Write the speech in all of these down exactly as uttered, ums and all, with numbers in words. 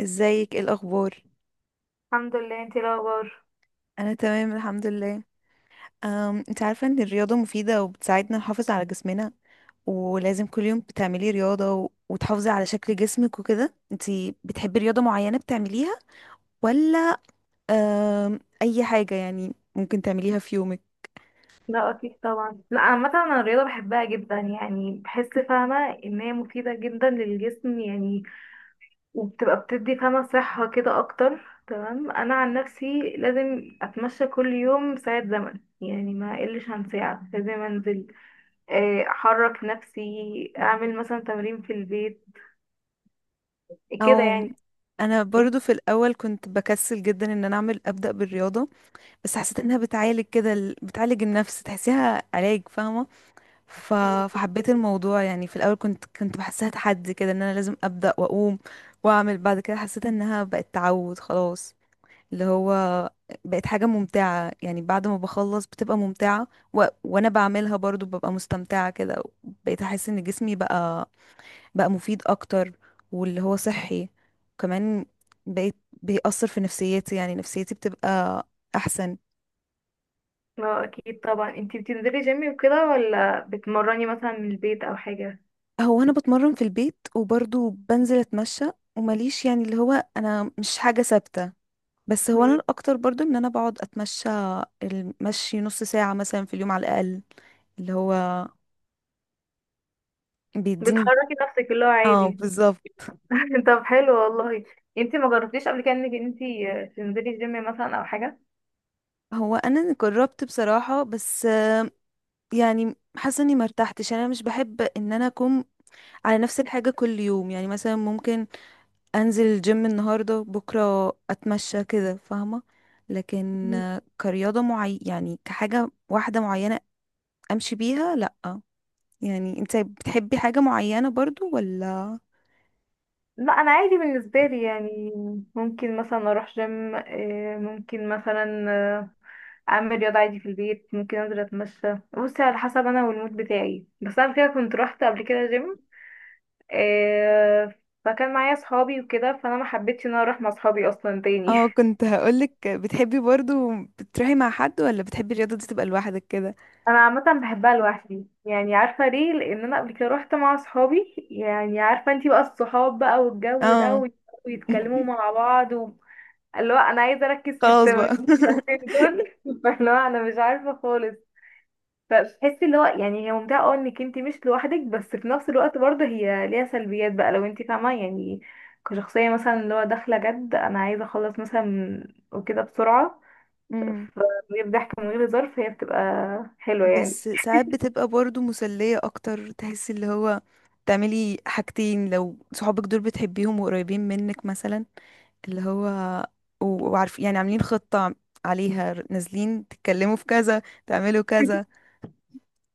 ازيك، ايه الاخبار؟ الحمد لله، انتي ايه الاخبار؟ انا تمام، الحمد لله. أم، انت عارفه ان الرياضه مفيده وبتساعدنا نحافظ على جسمنا، ولازم كل يوم بتعملي رياضه و... وتحافظي على شكل جسمك وكده. انت بتحبي رياضه معينه بتعمليها ولا أم، اي حاجه يعني ممكن تعمليها في يومك؟ لا، اكيد طبعا. لا، عامه انا الرياضه بحبها جدا، يعني بحس فاهمه ان هي مفيده جدا للجسم يعني. وبتبقى بتدي فاهمه صحه كده اكتر. تمام، انا عن نفسي لازم اتمشى كل يوم ساعه زمن، يعني ما اقلش عن ساعه. لازم انزل، آه، احرك نفسي، اعمل مثلا تمرين في البيت كده او يعني. انا انت- برضو في الاول كنت بكسل جدا ان انا اعمل ابدا بالرياضه، بس حسيت انها بتعالج كده ال- بتعالج النفس، تحسيها علاج فاهمه. ف... فحبيت الموضوع يعني. في الاول كنت كنت بحسها تحدي كده، ان انا لازم ابدا واقوم واعمل. بعد كده حسيت انها بقت تعود خلاص، اللي هو بقت حاجه ممتعه، يعني بعد ما بخلص بتبقى ممتعه، و... وانا بعملها برضو ببقى مستمتعه كده. بقيت احس ان جسمي بقى بقى مفيد اكتر، واللي هو صحي. وكمان بقيت بيأثر في نفسيتي، يعني نفسيتي بتبقى احسن. لا اكيد طبعا، انتي بتنزلي جيم وكده ولا بتمرني مثلا من البيت او حاجه؟ هو انا بتمرن في البيت وبرضه بنزل اتمشى، ومليش يعني اللي هو انا مش حاجة ثابتة، بس هو انا الاكتر برضه ان انا بقعد اتمشى. المشي نص ساعة مثلا في اليوم على الاقل، اللي هو بيديني. بتحركي نفسك اللي هو اه، عادي. بالظبط. طب حلو والله. انتي ما جربتيش قبل كده انك انتي آه، تنزلي جيم مثلا او حاجه؟ هو انا جربت بصراحة، بس آه، يعني حاسة اني مرتحتش، انا مش بحب ان انا اكون على نفس الحاجة كل يوم، يعني مثلا ممكن انزل الجيم النهارده، بكره اتمشى كده فاهمه، لكن مم. آه، كرياضه معي يعني كحاجه واحده معينه امشي بيها، لا. يعني انت بتحبي حاجه معينه برضو ولا؟ لا انا عادي بالنسبه لي يعني، ممكن مثلا اروح جيم، آه، ممكن مثلا آه، اعمل رياضه عادي في البيت، ممكن انزل اتمشى. بصي، على حسب انا والمود بتاعي. بس انا كده كنت روحت قبل كده جيم، آه، فكان معايا صحابي وكده، فانا ما حبيتش ان انا اروح مع صحابي اصلا تاني. اه، كنت هقولك، بتحبي برضو بتروحي مع حد ولا بتحبي الرياضه دي تبقى لوحدك كده؟ انا عامه بحبها لوحدي يعني، عارفه ليه؟ لان انا قبل كده روحت مع اصحابي يعني. عارفه انتي بقى، الصحاب بقى والجو ده اه. وي- ويتكلموا مع بعض و... اللي هو انا عايزه اركز في خلاص التمرين. بقى. دول فاللي هو انا مش عارفه خالص. فبتحسي اللي هو، يعني هي ممتعه اه، انك انتي مش لوحدك، بس في نفس الوقت برضه هي ليها سلبيات بقى لو انتي فاهمه يعني. كشخصيه مثلا اللي هو داخله جد، انا عايزه اخلص مثلا وكده بسرعه. مم. فبيبقى ضحك من غير ظرف، هي بتبقى حلوه يعني. بس ساعات بتبقى برضو مسلية اكتر، تحس اللي هو تعملي حاجتين لو صحابك دول بتحبيهم وقريبين منك مثلا، اللي هو و- وعارف يعني عاملين خطة عليها نازلين تتكلموا في كذا تعملوا كذا.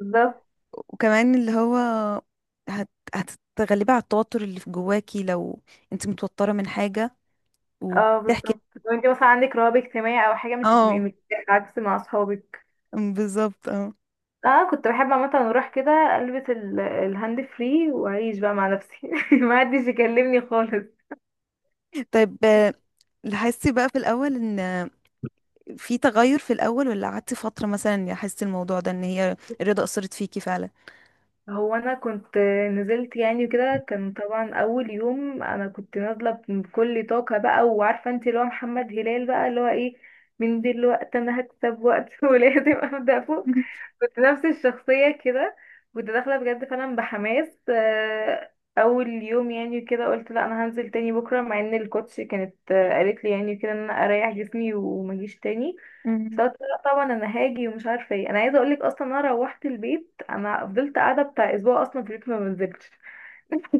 بالظبط. وكمان اللي هو هت... هتتغلبي على التوتر اللي في جواكي لو انت متوترة من حاجة اه وبتحكي. بالظبط، لو انت مثلا عندك رهاب اجتماعي او حاجه مش هتبقي اه، مرتاحه عكس مع اصحابك. بالظبط. اه. اه كنت بحب عامه اروح كده البس ال- الهاند فري واعيش بقى مع نفسي ما حدش يكلمني خالص. طيب، آه، لاحظتي بقى في الأول ان في تغير، في الأول ولا قعدتي فترة مثلا حسيتي الموضوع ده، ان هي الرضا أثرت فيكي فعلا؟ هو انا كنت نزلت يعني كده، كان طبعا اول يوم انا كنت نازله بكل طاقه بقى، وعارفه انت اللي هو محمد هلال بقى اللي هو ايه، من دلوقتي انا هكسب وقت ولازم ابدا فوق. كنت نفس الشخصيه كده، كنت داخله بجد فعلا بحماس. آه، اول يوم يعني كده قلت لا انا هنزل تاني بكره، مع ان الكوتش كانت آه، قالت لي يعني كده ان انا اريح جسمي وما اجيش تاني. بس مم. قلت لا طبعا انا هاجي، ومش عارفه ايه انا عايزه اقولك، اصلا انا روحت البيت انا فضلت قاعده بتاع اسبوع اصلا في البيت ما بنزلتش.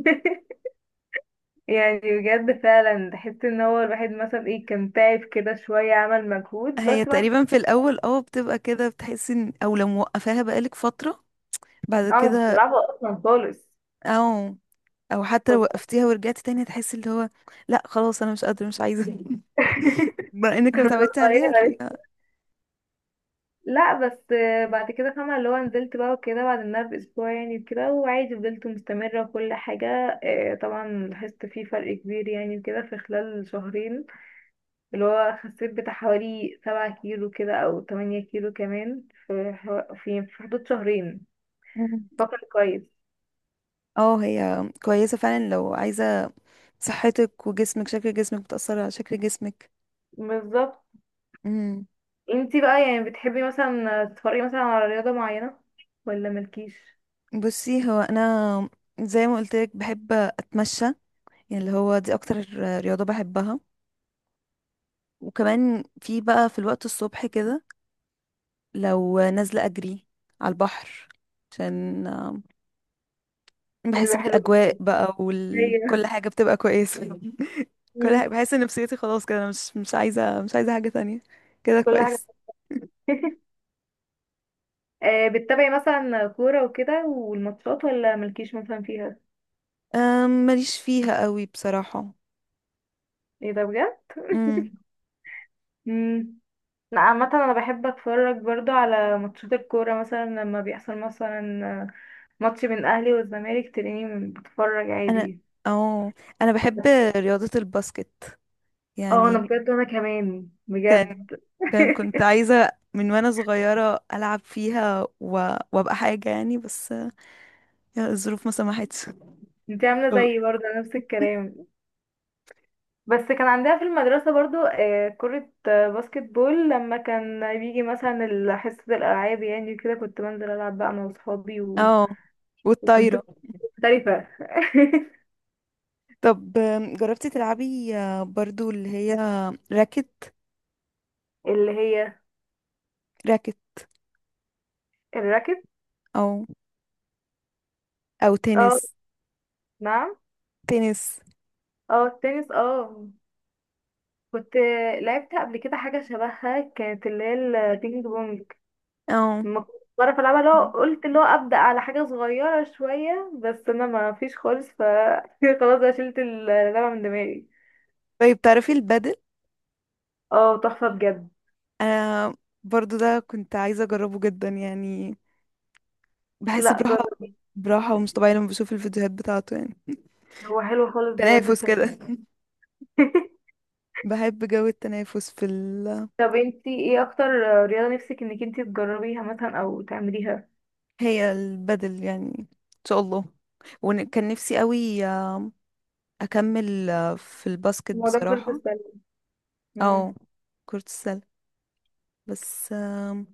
يعني بجد فعلا تحس ان هو الواحد مثلا ايه، كان تعب كده شويه، عمل مجهود، هي بس بعد تقريبا في كده الأول اه بتبقى كده، بتحسي ان او لو موقفاها بقالك فترة بعد انا ما كنتش كده، بلعبها اصلا خالص. او او حتى لو طب- وقفتيها ورجعتي تاني هتحسي اللي هو لا خلاص انا مش قادرة مش عايزة. بما انك لو أنا اتعودتي عليها صغيره لسه. هتلاقيها. لا بس بعد كده فاهمه اللي هو نزلت بقى وكده بعد انها باسبوع يعني وكده، وعادي فضلت مستمره وكل حاجه. آه، طبعا لاحظت فيه فرق كبير يعني، وكده في خلال شهرين، اللي هو خسيت بتاع حوالي سبعة كيلو كده أو تمانية كيلو كمان في حو- في في حدود شهرين. مم. فاكرة كويس. اه، هي كويسة فعلا لو عايزة صحتك وجسمك، شكل جسمك بتأثر على شكل جسمك. بالظبط. امم. انتي بقى يعني بتحبي مثلا تتفرجي مثلا على رياضة معينة ولا مالكيش؟ بصي هو انا زي ما قلت لك بحب اتمشى، يعني اللي هو دي اكتر رياضة بحبها. وكمان في بقى في الوقت الصبح كده لو نازلة اجري على البحر، عشان آم، بحس بيبقى حلو. بالاجواء بقى، وكل هي. كل حاجة بتبقى كويسة. كل مم. حاجة، بحس ان نفسيتي خلاص كده، أنا مش مش عايزة مش عايزة حاجة تانية، كده كل حاجة. كويس. آه بتتابعي مثلا كورة وكده والماتشات ولا مالكيش مثلا فيها؟ أم، ماليش فيها قوي بصراحة. ايه ده بجد؟ امم. مم. لا عامة انا بحب اتفرج برضو على ماتشات الكورة، مثلا لما بيحصل مثلا ماتش بين الاهلي والزمالك تلاقيني بتفرج انا عادي. اه انا بحب رياضة الباسكت اه انا يعني. بجد، وانا كمان كان بجد. كان كنت عايزة من وانا صغيرة العب فيها و... وابقى حاجة يعني، بس يا الظروف ما سمحتش. انت عامله ف- زيي برضه نفس الكلام. بس كان عندها في المدرسه برضه آه، كره آه، باسكت بول، لما كان بيجي مثلا ال- حصه الالعاب يعني كده كنت بنزل العب بقى انا واصحابي و... اه، وكنت والطايرة. مختلفه. طب جربتي تلعبي برضو اللي هي راكت اللي هي راكت الراكت. او او تنس اه نعم. تنس، اه التنس اه. كنت لعبت قبل كده حاجه شبهها، كانت اللي هي البينج بونج. اه. ما كنتش بعرف العبها، لو قلت اللي هو ابدا على حاجه صغيره شويه بس انا ما فيش خالص ف خلاص بقى شلت اللعبه من دماغي. طيب تعرفي البادل؟ اه تحفه بجد. انا برضو ده كنت عايزة اجربه جدا يعني، بحس لا براحة، جرب. براحة ومش طبيعية لما بشوف الفيديوهات بتاعته، يعني هو حلو خالص بجد تنافس فعلا. كده. بحب جو التنافس في ال... طب انتي ايه اكتر رياضه نفسك انك انتي تجربيها مثلا او تعمليها؟ هي البدل يعني ان شاء الله. وكان نفسي قوي آم، اكمل آه، في الباسكت الموضوع كرة بصراحة، السله. مم. او كرة السلة، بس آم،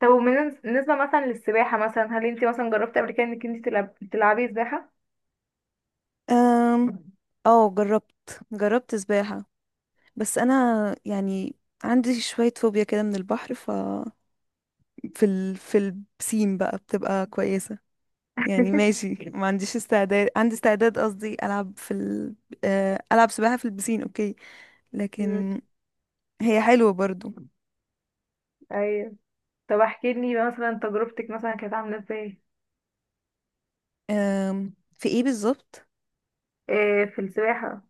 طب وبالنسبه مثلا للسباحه، مثلا هل انتي مثلا جربتي قبل كده انك انتي تلعب... تلعبي سباحه؟ آم، اه، جربت جربت سباحة، بس انا يعني عندي شوية فوبيا كده من البحر، ف في ال... في البسين بقى بتبقى كويسة، يعني ماشي. ما عنديش استعداد، عندي استعداد قصدي، العب في ال... آه، العب سباحة في البسين، اوكي، مم. لكن هي حلوة برضو. ايوه. طب احكي لي مثلا تجربتك مثلا كانت عامله ازاي؟ آم، في ايه بالظبط؟ إيه في السباحه.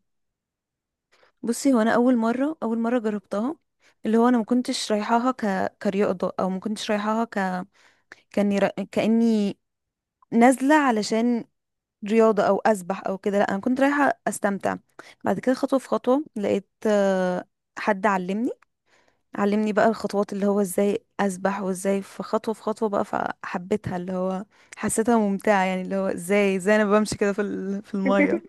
بصي هو انا اول مرة اول مرة جربتها اللي هو انا ما كنتش رايحاها ك... كرياضة، او ما كنتش رايحاها ك... كاني ر... كاني نازلة علشان رياضة او اسبح او كده، لا انا كنت رايحة استمتع. بعد كده خطوة في خطوة لقيت آه، حد علمني علمني بقى الخطوات، اللي هو ازاي اسبح وازاي، في خطوه في خطوه بقى، فحبيتها اللي هو حسيتها ممتعه يعني، اللي هو ازاي ازاي انا بمشي كده في ال- في الميه.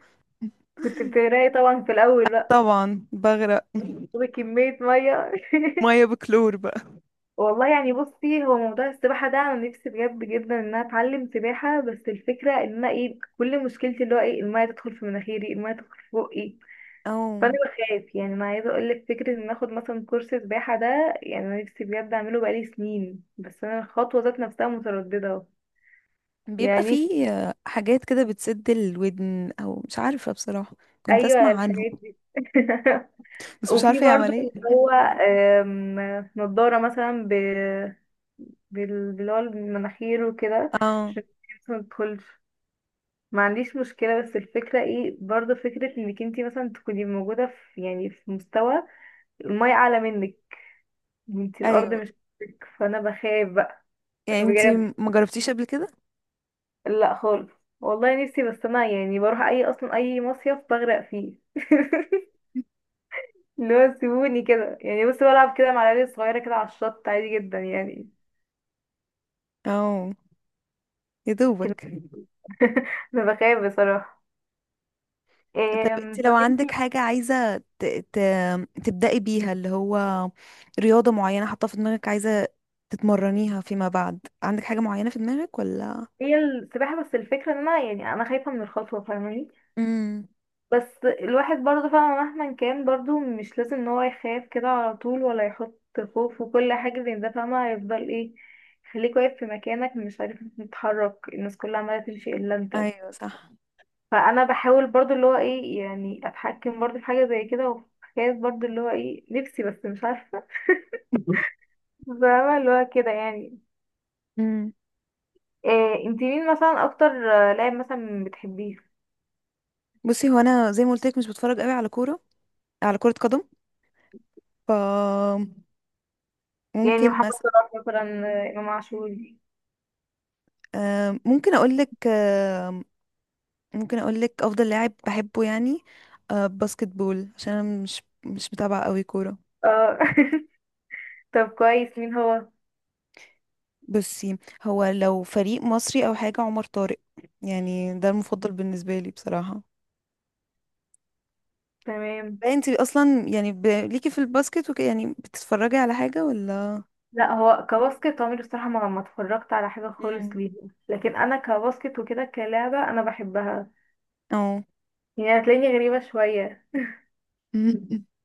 كنت بتغرقي طبعا في الاول بقى، طبعا بغرق. تاخدي كميه ميه. ميه بكلور بقى. والله يعني، بصي هو موضوع السباحه ده انا نفسي بجد جدا ان انا اتعلم سباحه، بس الفكره ان انا ايه، كل مشكلتي اللي هو ايه، الميه تدخل في مناخيري، الميه تدخل في بقي. فانا او بخاف يعني، انا عايزه اقول لك، فكره ان اخد مثلا كورس سباحه ده، يعني انا نفسي بجد اعمله بقالي سنين، بس انا الخطوه ذات نفسها متردده بيبقى يعني. فيه حاجات كده بتسد الودن، او مش عارفه بصراحه، كنت ايوه اسمع عنهم، الحاجات دي. بس مش وفي عارفه هي برضه عمليه. اللي هو، آم، نضارة مثلا ب... بال... باللي هو المناخير وكده، اه، عشان الشمس ما تدخلش. ما عنديش مشكلة، بس الفكرة ايه برضه، فكرة انك انتي مثلا تكوني موجودة في، يعني في مستوى المية أعلى منك، انتي الأرض ايوه، مش فوقك. فأنا بخاف بقى. يعني انتي بجد. ما جربتيش قبل كده؟ لا خالص. والله نفسي، بس أنا يعني بروح أي، أصلا أي مصيف بغرق فيه. اللي هو سيبوني كده يعني، بس بلعب كده مع العيال الصغيرة كده على الشط عادي جدا يعني. اه، يا لكن دوبك. انا بخاف بصراحة. إيه. طب انت لو طب انتي. عندك حاجة عايزة ت... ت... تبدأي بيها، اللي هو رياضة معينة حاطة في دماغك عايزة تتمرنيها فيما بعد، عندك حاجة معينة في دماغك ولا؟ هي السباحة، بس الفكرة ان انا يعني انا خايفة من الخطوة، فاهماني. امم. بس الواحد برضه فعلا مهما كان، برضه مش لازم ان هو يخاف كده على طول، ولا يحط خوف وكل حاجة زي ده. فاهمة هيفضل ايه، خليك واقف في مكانك مش عارف تتحرك، الناس كلها عمالة تمشي الا انت. ايوه، صح. فانا بحاول برضه اللي هو ايه، يعني اتحكم برضه في حاجة زي كده، وخايف برضه اللي هو ايه نفسي، بس مش عارفة. فاهمة اللي هو كده يعني. امم. إيه انت مين مثلا اكتر آه، لاعب مثلا بتحبيه، بصي هو انا زي ما قلت لك مش بتفرج قوي على كورة، على كرة قدم. ف، يعني ممكن محمد مثلا صلاح مثلا، آه، امام عاشور؟ ممكن اقول لك ممكن اقول لك افضل لاعب بحبه يعني، آه، باسكت بول عشان انا مش مش متابعة قوي كورة. اه. طب كويس، مين هو؟ بصي هو لو فريق مصري او حاجه عمر طارق، يعني ده المفضل بالنسبه لي بصراحه. تمام. انت اصلا يعني ب... ليكي في الباسكت وكده يعني بتتفرجي على حاجه ولا؟ لا هو كباسكت، عمري الصراحه ما ما اتفرجت على حاجه خالص مم. ليه. لكن انا كباسكت وكده كلعبه انا بحبها. اه. يعني هتلاقيني غريبه شويه.